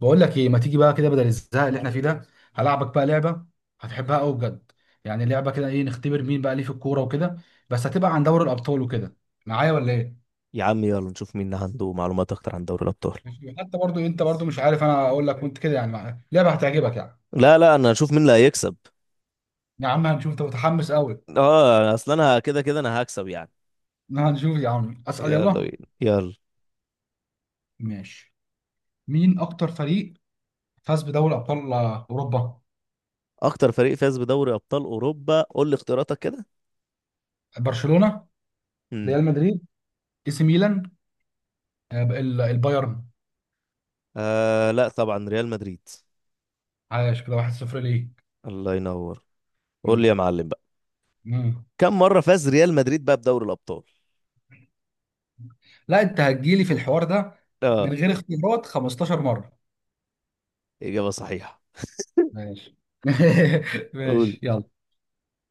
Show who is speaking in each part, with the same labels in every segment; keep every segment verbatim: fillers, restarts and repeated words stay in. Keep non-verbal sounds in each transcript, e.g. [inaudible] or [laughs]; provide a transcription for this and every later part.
Speaker 1: بقول لك ايه، ما تيجي بقى كده بدل الزهق اللي احنا فيه ده؟ هلعبك بقى لعبه، هتحبها قوي بجد. يعني لعبه كده، ايه؟ نختبر مين بقى ليه في الكوره وكده. بس هتبقى عن دوري الابطال وكده. معايا ولا ايه؟
Speaker 2: يا عم يلا نشوف مين عنده معلومات اكتر عن دوري الابطال.
Speaker 1: ماشي. حتى برضو انت برضو مش عارف، انا اقول لك وانت كده، يعني معايا لعبه هتعجبك يعني.
Speaker 2: لا لا انا هشوف مين اللي هيكسب.
Speaker 1: يا عم هنشوف، انت متحمس قوي.
Speaker 2: اه اصل انا كده كده انا هكسب يعني.
Speaker 1: هنشوف يا عم، اسال
Speaker 2: يلا
Speaker 1: يلا.
Speaker 2: بينا يلا.
Speaker 1: ماشي. مين اكتر فريق فاز بدوري ابطال اوروبا؟
Speaker 2: اكتر فريق فاز بدوري ابطال اوروبا، قول لي اختياراتك كده.
Speaker 1: برشلونه،
Speaker 2: امم
Speaker 1: ريال مدريد، اي سي ميلان، آه، ال- البايرن
Speaker 2: آه لا طبعا ريال مدريد.
Speaker 1: عاش كده، واحد صفر ليك.
Speaker 2: الله ينور. قول لي
Speaker 1: مم.
Speaker 2: يا معلم بقى
Speaker 1: مم.
Speaker 2: كم مرة فاز ريال مدريد بقى بدوري الابطال؟
Speaker 1: لا انت هتجيلي في الحوار ده من
Speaker 2: اه.
Speaker 1: غير اختيارات، خمستاشر مرة.
Speaker 2: اجابة صحيحة.
Speaker 1: ماشي. [laughs] ماشي
Speaker 2: قول.
Speaker 1: يلا.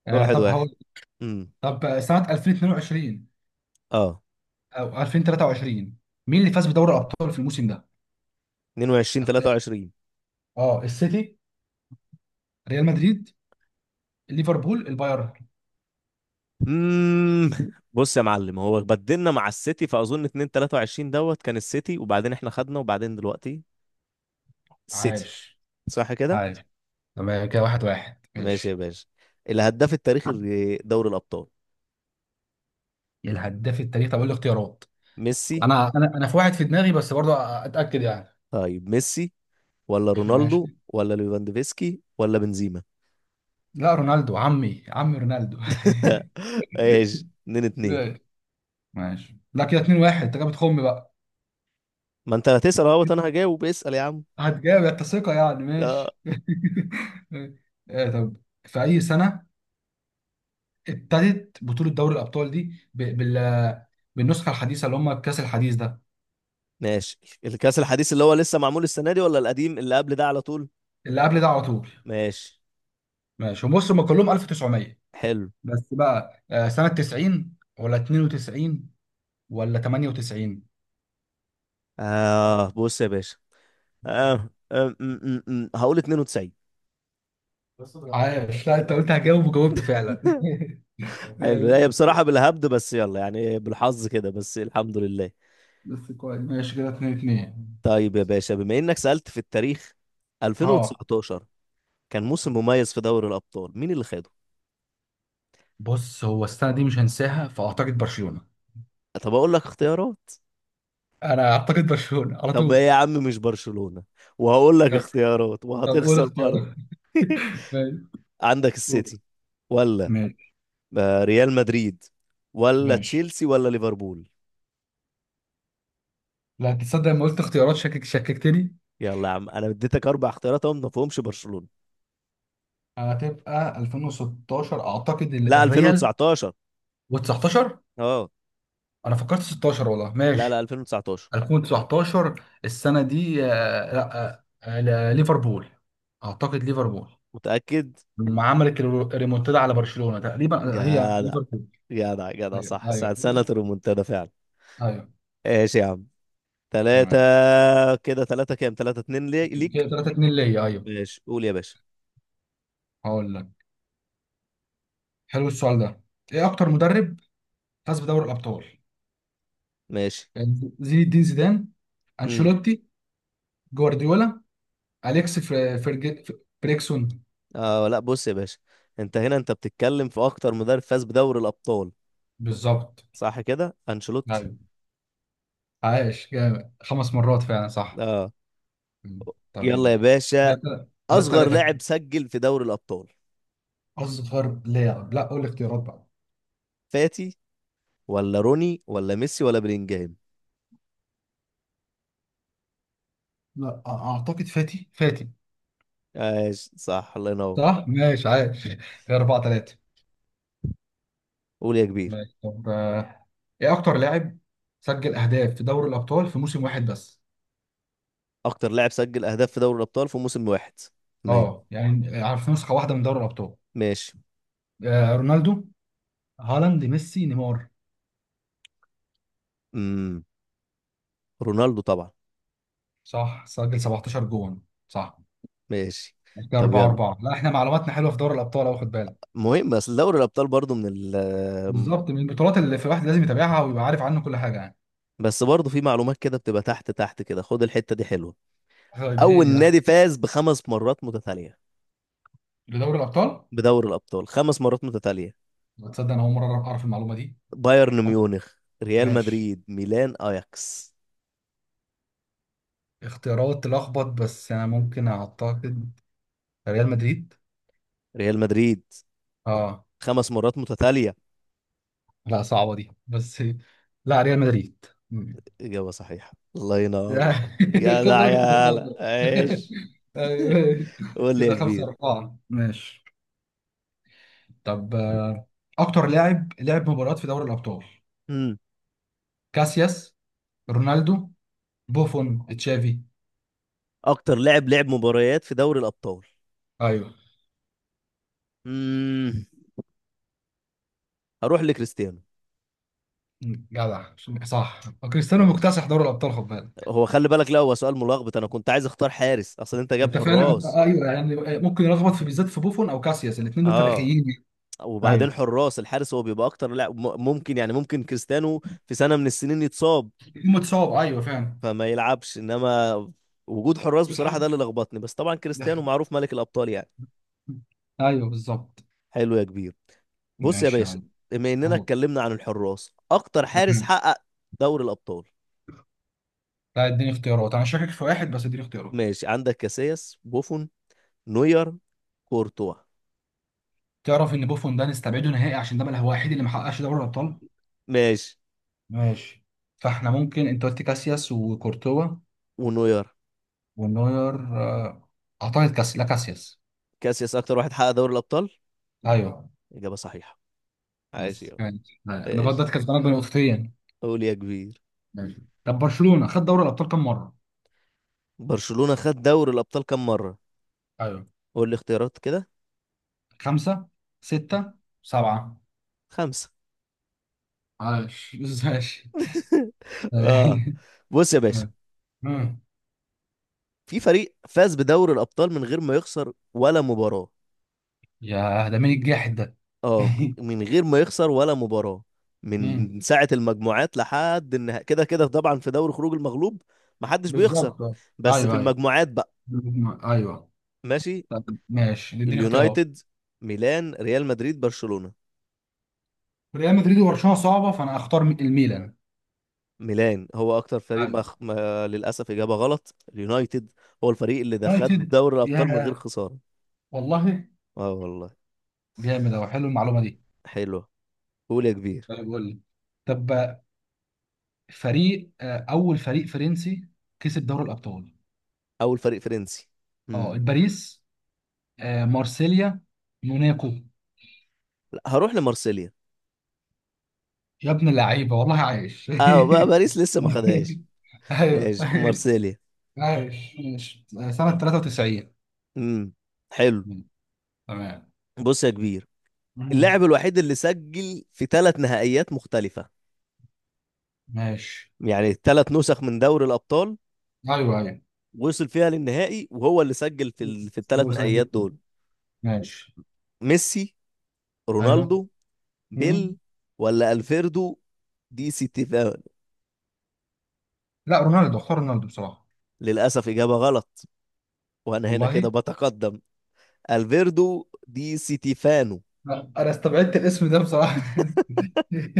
Speaker 1: آه
Speaker 2: واحد
Speaker 1: طب
Speaker 2: واحد.
Speaker 1: هقول.
Speaker 2: امم
Speaker 1: طب آه، سنة ألفين واتنين وعشرين
Speaker 2: اه.
Speaker 1: او ألفين وتلاته وعشرين، مين اللي فاز بدوري الابطال في الموسم ده؟
Speaker 2: اتنين وعشرين
Speaker 1: اخت-
Speaker 2: تلاتة وعشرين.
Speaker 1: اه السيتي، ريال مدريد، ليفربول، البايرن.
Speaker 2: امم بص يا معلم، هو بدلنا مع السيتي فاظن اتنين تلاتة وعشرين دوت كان السيتي وبعدين احنا خدنا وبعدين دلوقتي السيتي.
Speaker 1: عاش.
Speaker 2: صح كده.
Speaker 1: عاش. تمام، كده واحد واحد،
Speaker 2: ماشي يا
Speaker 1: ماشي.
Speaker 2: باشا. الهداف التاريخي لدوري الابطال.
Speaker 1: إيه الهداف التاريخي؟ طب اقول الاختيارات.
Speaker 2: ميسي.
Speaker 1: انا انا انا في واحد في دماغي، بس برضه اتاكد يعني.
Speaker 2: طيب ميسي ولا
Speaker 1: [laughs]
Speaker 2: رونالدو
Speaker 1: ماشي.
Speaker 2: ولا ليفاندوفسكي ولا بنزيما؟
Speaker 1: لا رونالدو، عمي عمي رونالدو.
Speaker 2: [laughs] ايش. اتنين اتنين.
Speaker 1: [laughs] ماشي. لا كده اتنين واحد، انت كده بتخم بقى.
Speaker 2: ما انت هتسال اهوت انا هجاوب، اسال يا عم.
Speaker 1: هتجاوب انت؟ ثقة يعني،
Speaker 2: اه.
Speaker 1: ماشي. [laughs] إيه؟ طب، في أي سنة ابتدت بطولة دوري الأبطال دي؟ ب... بال... بالنسخة الحديثة اللي هم الكأس الحديث ده.
Speaker 2: ماشي. الكاس الحديث اللي هو لسه معمول السنه دي ولا القديم اللي قبل ده على طول؟
Speaker 1: اللي قبل ده على طول.
Speaker 2: ماشي.
Speaker 1: ماشي، وبص هم كلهم ألف وتسعمائة،
Speaker 2: حلو.
Speaker 1: بس بقى آه، سنة تسعين ولا اتنين وتسعين ولا تمانية وتسعين؟
Speaker 2: آه بص يا باشا. آه. آه. م- م- م- هقول تسعين.
Speaker 1: عايش، لا انت قلت هجاوب وجاوبت فعلا.
Speaker 2: [laughs]
Speaker 1: [laughs]
Speaker 2: حلو هي
Speaker 1: ماشي.
Speaker 2: بصراحة بالهبد بس يلا يعني بالحظ كده بس الحمد لله.
Speaker 1: بس كويس، ماشي كده اتنين اتنين.
Speaker 2: طيب يا باشا، بما انك سألت في التاريخ،
Speaker 1: اه
Speaker 2: ألفين وتسعتاشر كان موسم مميز في دوري الأبطال مين اللي خده؟
Speaker 1: بص، هو السنه دي مش هنساها، فاعتقد برشلونه.
Speaker 2: طب اقول لك اختيارات.
Speaker 1: انا اعتقد برشلونه على
Speaker 2: طب ايه
Speaker 1: طول.
Speaker 2: يا عم مش برشلونة؟ وهقول لك
Speaker 1: طب.
Speaker 2: اختيارات
Speaker 1: طب قول
Speaker 2: وهتخسر برضه.
Speaker 1: اختيارات.
Speaker 2: [laughs]
Speaker 1: [laughs] ماشي.
Speaker 2: عندك
Speaker 1: قول.
Speaker 2: السيتي ولا
Speaker 1: ماشي.
Speaker 2: آه، ريال مدريد ولا
Speaker 1: ماشي.
Speaker 2: تشيلسي ولا ليفربول.
Speaker 1: لا تصدق، لما قلت اختيارات شكك شككتني.
Speaker 2: يلا يا عم انا اديتك اربع اختيارات اهو ما فيهمش برشلونة.
Speaker 1: هتبقى ألفين وستاشر اعتقد ال-
Speaker 2: لا
Speaker 1: الريال
Speaker 2: ألفين وتسعتاشر.
Speaker 1: و19.
Speaker 2: اه.
Speaker 1: انا فكرت ستاشر والله،
Speaker 2: لا لا
Speaker 1: ماشي.
Speaker 2: ألفين وتسعتاشر.
Speaker 1: ألفين وتسعتاشر السنه دي آه، لا آه، آه، لا، ليفربول. اعتقد ليفربول
Speaker 2: متأكد.
Speaker 1: لما عملت الريمونتادا على برشلونه، تقريبا هي
Speaker 2: جدع.
Speaker 1: ليفربول.
Speaker 2: جدع جدع
Speaker 1: ايوه
Speaker 2: صح، ساعة
Speaker 1: ايوه.
Speaker 2: سنة الريمونتادا فعلا.
Speaker 1: ايوه.
Speaker 2: ايش يا عم. تلاتة.
Speaker 1: تمام،
Speaker 2: كده تلاتة كام؟ تلاتة اتنين لي- ليك.
Speaker 1: كده تلاته اتنين ليا، ايوه.
Speaker 2: ماشي قول يا باشا.
Speaker 1: هقول لك. حلو السؤال ده. ايه اكتر مدرب فاز بدوري الابطال؟
Speaker 2: ماشي.
Speaker 1: يعني زين الدين زيدان،
Speaker 2: امم
Speaker 1: انشيلوتي، جوارديولا، اليكس فر- فرج... ف- فريكسون.
Speaker 2: اه لا بص يا باشا. انت هنا انت بتتكلم في اكتر مدرب فاز بدوري الابطال.
Speaker 1: بالظبط.
Speaker 2: صح كده انشيلوتي.
Speaker 1: ايوه. عايش جامد، خمس مرات فعلا صح.
Speaker 2: اه.
Speaker 1: مم. طب
Speaker 2: يلا يا
Speaker 1: يلا.
Speaker 2: باشا.
Speaker 1: ثلاثة ثلاثة
Speaker 2: اصغر
Speaker 1: ثلاثة.
Speaker 2: لاعب سجل في دوري الابطال.
Speaker 1: أصغر لاعب؟ لا قول الاختيارات بقى.
Speaker 2: فاتي ولا روني ولا ميسي ولا بلينجهام؟
Speaker 1: لا، أ- أعتقد فاتي فاتي.
Speaker 2: ايش. صح. الله ينور.
Speaker 1: صح ماشي عايش. [laughs] اربعه تلاته.
Speaker 2: قول يا كبير.
Speaker 1: ماشي. طب آه، ايه اكتر لاعب سجل اهداف في دوري الابطال في موسم واحد بس؟
Speaker 2: اكتر لاعب سجل اهداف في دوري الابطال في موسم واحد. تمام.
Speaker 1: اه يعني آه، في نسخه واحده من دوري الابطال.
Speaker 2: ماشي.
Speaker 1: آه، رونالدو، هالاند، ميسي، نيمار.
Speaker 2: امم رونالدو طبعا.
Speaker 1: صح، سجل سبعتاشر جون. صح.
Speaker 2: ماشي.
Speaker 1: كده
Speaker 2: طب
Speaker 1: اربعه
Speaker 2: يلا.
Speaker 1: اربعه، لا احنا معلوماتنا حلوه في دوري الابطال، اهو خد بالك.
Speaker 2: مهم بس دوري الابطال برضو من ال.
Speaker 1: بالظبط، من البطولات اللي في واحد لازم يتابعها ويبقى عارف عنه كل حاجه يعني.
Speaker 2: بس برضو في معلومات كده بتبقى تحت تحت كده، خد الحتة دي حلوة.
Speaker 1: طيب
Speaker 2: اول
Speaker 1: اديني ده.
Speaker 2: نادي فاز بخمس مرات متتالية.
Speaker 1: لدوري الابطال.
Speaker 2: بدوري الابطال خمس مرات متتالية.
Speaker 1: تصدق انا اول مره اعرف أعرف المعلومه دي.
Speaker 2: بايرن ميونخ، ريال
Speaker 1: ماشي.
Speaker 2: مدريد، ميلان، اياكس.
Speaker 1: اختيارات تلخبط، بس انا ممكن اعتقد ريال مدريد.
Speaker 2: ريال مدريد
Speaker 1: اه.
Speaker 2: خمس مرات متتالية.
Speaker 1: لا صعبة دي بس. لا، ريال مدريد.
Speaker 2: إجابة صحيحة. الله ينور.
Speaker 1: لا،
Speaker 2: يا
Speaker 1: [laughs] خد
Speaker 2: ده
Speaker 1: بالك أنت
Speaker 2: يا هلا.
Speaker 1: بتلخبط.
Speaker 2: ايش.
Speaker 1: [laughs] أيوه.
Speaker 2: قول لي يا
Speaker 1: كده خمسة
Speaker 2: كبير.
Speaker 1: أربعة، ماشي. طب آه، أكتر لاعب لعب مباريات في دوري الأبطال؟
Speaker 2: امم
Speaker 1: كاسياس، رونالدو، بوفون، تشافي.
Speaker 2: اكتر لاعب لعب مباريات في دوري الابطال.
Speaker 1: أيوه.
Speaker 2: امم هروح لكريستيانو.
Speaker 1: جدع. صح، كريستيانو
Speaker 2: ماشي.
Speaker 1: مكتسح دوري الأبطال، خد بالك.
Speaker 2: هو خلي بالك، لا هو سؤال ملخبط، انا كنت عايز اختار حارس اصل انت جاب
Speaker 1: أنت فعلا أنت
Speaker 2: حراس.
Speaker 1: أيوه، يعني ممكن يلخبط في، بالذات في بوفون أو كاسياس، الاثنين دول
Speaker 2: اه.
Speaker 1: تاريخيين.
Speaker 2: وبعدين
Speaker 1: ايوه.
Speaker 2: حراس، الحارس هو بيبقى اكتر لاعب، م- ممكن يعني ممكن كريستيانو في سنة من السنين يتصاب
Speaker 1: الاثنين متصاب، أيوه فعلا.
Speaker 2: فما يلعبش. انما وجود حراس
Speaker 1: [laughs] الحق.
Speaker 2: بصراحة ده اللي لخبطني بس طبعا كريستيانو معروف ملك الابطال يعني.
Speaker 1: ايوه بالظبط.
Speaker 2: حلو يا كبير. بص يا
Speaker 1: ماشي يا
Speaker 2: باشا.
Speaker 1: عم.
Speaker 2: بما اننا
Speaker 1: هو.
Speaker 2: اتكلمنا عن الحراس، اكتر حارس
Speaker 1: تمام.
Speaker 2: حقق دوري الابطال.
Speaker 1: لا اديني اختيارات، انا شاكك في واحد، بس اديني اختيارات.
Speaker 2: ماشي. عندك كاسياس، بوفون، نوير، كورتوا.
Speaker 1: تعرف ان بوفون ده نستبعده نهائي، عشان ده بقى هو الوحيد اللي ما حققش دوري الابطال.
Speaker 2: ماشي.
Speaker 1: ماشي. فاحنا ممكن، انت قلت كاسياس وكورتوا
Speaker 2: ونوير.
Speaker 1: ونوير آه، اعتقد كاس لا كاسياس.
Speaker 2: كاسياس اكتر واحد حقق دوري الابطال.
Speaker 1: ايوه.
Speaker 2: اجابه صحيحه. عايش
Speaker 1: بس
Speaker 2: يا.
Speaker 1: ماشي. لا، انا
Speaker 2: عايش.
Speaker 1: فضلت كسبانك بنقطتين.
Speaker 2: قول يا كبير.
Speaker 1: ماشي. طب برشلونة خد دوري الابطال كم مرة؟
Speaker 2: برشلونه خد دوري الابطال كم مره؟
Speaker 1: ايوه.
Speaker 2: قول لي اختيارات كده.
Speaker 1: خمسة،
Speaker 2: آه،
Speaker 1: ستة، سبعة.
Speaker 2: خمسه.
Speaker 1: عاش. [laughs] ماشي.
Speaker 2: [laughs] اه بص يا باشا.
Speaker 1: [laughs]
Speaker 2: في فريق فاز بدوري الابطال من غير ما يخسر ولا مباراه.
Speaker 1: يا ده مين الجاحد ده؟
Speaker 2: اه.
Speaker 1: [laughs]
Speaker 2: من من غير ما يخسر ولا مباراه.
Speaker 1: مم.
Speaker 2: من ساعه المجموعات لحد النهائي، كده كده طبعا في دوري خروج المغلوب محدش بيخسر.
Speaker 1: بالظبط آه.
Speaker 2: بس في
Speaker 1: ايوه ايوه.
Speaker 2: المجموعات بقى.
Speaker 1: بالظبط. ايوه.
Speaker 2: ماشي.
Speaker 1: طب ماشي اديني اختيارات.
Speaker 2: اليونايتد، ميلان، ريال مدريد، برشلونة.
Speaker 1: ريال مدريد وبرشلونه صعبه، فانا اختار الميلان.
Speaker 2: ميلان هو اكتر فريق ما,
Speaker 1: ايوه
Speaker 2: ما للاسف اجابة غلط. اليونايتد هو الفريق اللي ده خد
Speaker 1: يونايتد،
Speaker 2: دوري الابطال من غير
Speaker 1: يا.
Speaker 2: خسارة.
Speaker 1: والله.
Speaker 2: اه والله.
Speaker 1: جامد اهو، حلو المعلومه دي.
Speaker 2: حلو. قول يا كبير.
Speaker 1: طيب قول لي. طب. فريق آه، اول فريق فرنسي كسب دوري الابطال.
Speaker 2: اول فريق فرنسي.
Speaker 1: اه
Speaker 2: امم
Speaker 1: باريس، آه، مارسيليا، موناكو.
Speaker 2: لا، هروح لمارسيليا.
Speaker 1: يا ابن اللعيبه والله، عايش.
Speaker 2: اه بقى
Speaker 1: [laughs]
Speaker 2: باريس لسه ما خدهاش.
Speaker 1: ايوه.
Speaker 2: ماشي مارسيليا.
Speaker 1: عايش ماشي. سنه تلاته وتسعين.
Speaker 2: امم حلو.
Speaker 1: تمام.
Speaker 2: بص يا كبير.
Speaker 1: مم.
Speaker 2: اللاعب الوحيد اللي سجل في ثلاث نهائيات مختلفة.
Speaker 1: ماشي
Speaker 2: يعني ثلاث نسخ من دوري الابطال
Speaker 1: ايوه ايوه.
Speaker 2: وصل فيها للنهائي وهو اللي سجل في ال... في الثلاث
Speaker 1: هو
Speaker 2: نهائيات
Speaker 1: سجل.
Speaker 2: دول.
Speaker 1: ماشي.
Speaker 2: ميسي،
Speaker 1: ايوه.
Speaker 2: رونالدو،
Speaker 1: مم.
Speaker 2: بيل، ولا الفيردو دي سيتيفان.
Speaker 1: لا رونالدو، اختار رونالدو بصراحه.
Speaker 2: للاسف اجابه غلط. وانا هنا
Speaker 1: والله.
Speaker 2: كده بتقدم. الفيردو دي سيتيفانو.
Speaker 1: لا، انا استبعدت الاسم ده بصراحه.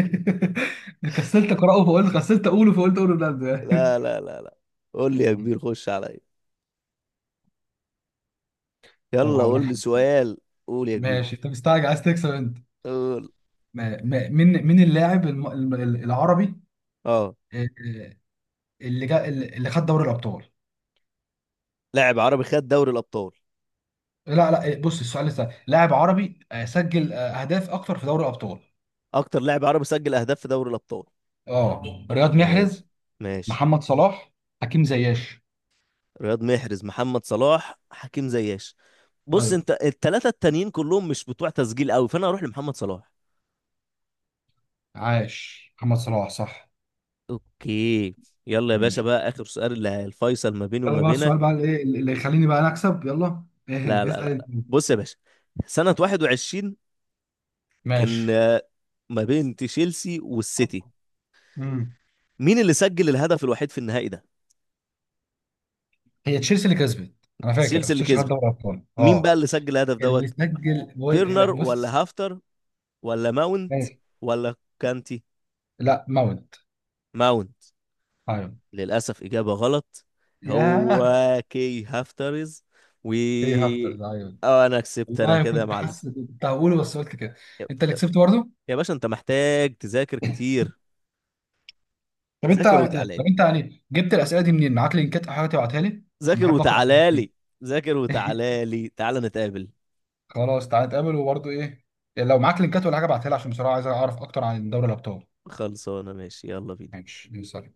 Speaker 1: [laughs] كسلت اقراه فقلت، كسلت اقوله فقلت اقول رونالدو يعني.
Speaker 2: لا لا لا لا. قول لي يا
Speaker 1: مم.
Speaker 2: كبير خش عليا.
Speaker 1: طب
Speaker 2: يلا
Speaker 1: هقول لك
Speaker 2: قول لي
Speaker 1: حاجه آه.
Speaker 2: سؤال. قول يا كبير.
Speaker 1: ماشي انت مستعجل عايز تكسب انت.
Speaker 2: قول.
Speaker 1: ما- ما- مين مين اللاعب الم- الم- العربي
Speaker 2: اه.
Speaker 1: آه، آه، اللي جا اللي خد دوري الابطال.
Speaker 2: لاعب عربي خد دوري الابطال.
Speaker 1: لا لا آه، بص السؤال لسه، لاعب عربي آه، سجل آه، اهداف اكتر في دوري الابطال.
Speaker 2: اكتر لاعب عربي سجل اهداف في دوري الابطال.
Speaker 1: اه. رياض محرز،
Speaker 2: ماشي. ماشي.
Speaker 1: محمد صلاح، حكيم زياش.
Speaker 2: رياض محرز، محمد صلاح، حكيم زياش. بص
Speaker 1: ايوه.
Speaker 2: انت الثلاثه التانيين كلهم مش بتوع تسجيل قوي فانا هروح لمحمد صلاح.
Speaker 1: عاش محمد صلاح صح.
Speaker 2: اوكي. يلا يا باشا
Speaker 1: ماشي
Speaker 2: بقى اخر سؤال اللي الفيصل ما بيني
Speaker 1: يلا
Speaker 2: وما
Speaker 1: بقى
Speaker 2: بينك.
Speaker 1: السؤال بقى الايه اللي يخليني بقى انا اكسب، يلا
Speaker 2: لا
Speaker 1: ايه
Speaker 2: لا
Speaker 1: اسال
Speaker 2: لا
Speaker 1: انت.
Speaker 2: بص يا باشا. سنه واحد وعشرين كان
Speaker 1: ماشي.
Speaker 2: آه، ما بين تشيلسي والسيتي،
Speaker 1: امم
Speaker 2: مين اللي سجل الهدف الوحيد في النهائي ده؟
Speaker 1: هي تشيلسي اللي كسبت. انا فاكر
Speaker 2: تشيلسي اللي
Speaker 1: تشيلسي خد
Speaker 2: كسبت.
Speaker 1: دوري ابطال،
Speaker 2: مين بقى
Speaker 1: اه.
Speaker 2: اللي سجل الهدف
Speaker 1: اللي
Speaker 2: دوت.
Speaker 1: سجل جول؟
Speaker 2: فيرنر
Speaker 1: لا بص.
Speaker 2: ولا هافتر ولا ماونت
Speaker 1: ماشي.
Speaker 2: ولا كانتي.
Speaker 1: لا ماونت.
Speaker 2: ماونت.
Speaker 1: ايوه.
Speaker 2: للأسف إجابة غلط. هو
Speaker 1: ياه.
Speaker 2: كي هافترز و.
Speaker 1: هي هافترز، ايوه.
Speaker 2: أه أنا كسبت أنا
Speaker 1: والله
Speaker 2: كده يا
Speaker 1: كنت
Speaker 2: معلم.
Speaker 1: حاسس كنت هقوله، بس قلت كده.
Speaker 2: يا.
Speaker 1: انت اللي كسبت برضه.
Speaker 2: يا باشا أنت محتاج تذاكر
Speaker 1: [laughs]
Speaker 2: كتير.
Speaker 1: طب انت.
Speaker 2: ذاكر وتعالى
Speaker 1: طب
Speaker 2: لي.
Speaker 1: انت يعني جبت الاسئله دي منين؟ معاك لينكات او حاجه تبعتها لي عشان
Speaker 2: ذاكر
Speaker 1: بحب اقرا.
Speaker 2: وتعالى لي. ذاكر وتعالى لي تعالى نتقابل.
Speaker 1: خلاص تعالى نتقابل، وبرضه ايه، لو معاك لينكات ولا حاجه ابعتها لي عشان بصراحه عايز اعرف اكتر عن دوري الابطال.
Speaker 2: خلصانة ماشي يلا بينا.
Speaker 1: ماشي سلام.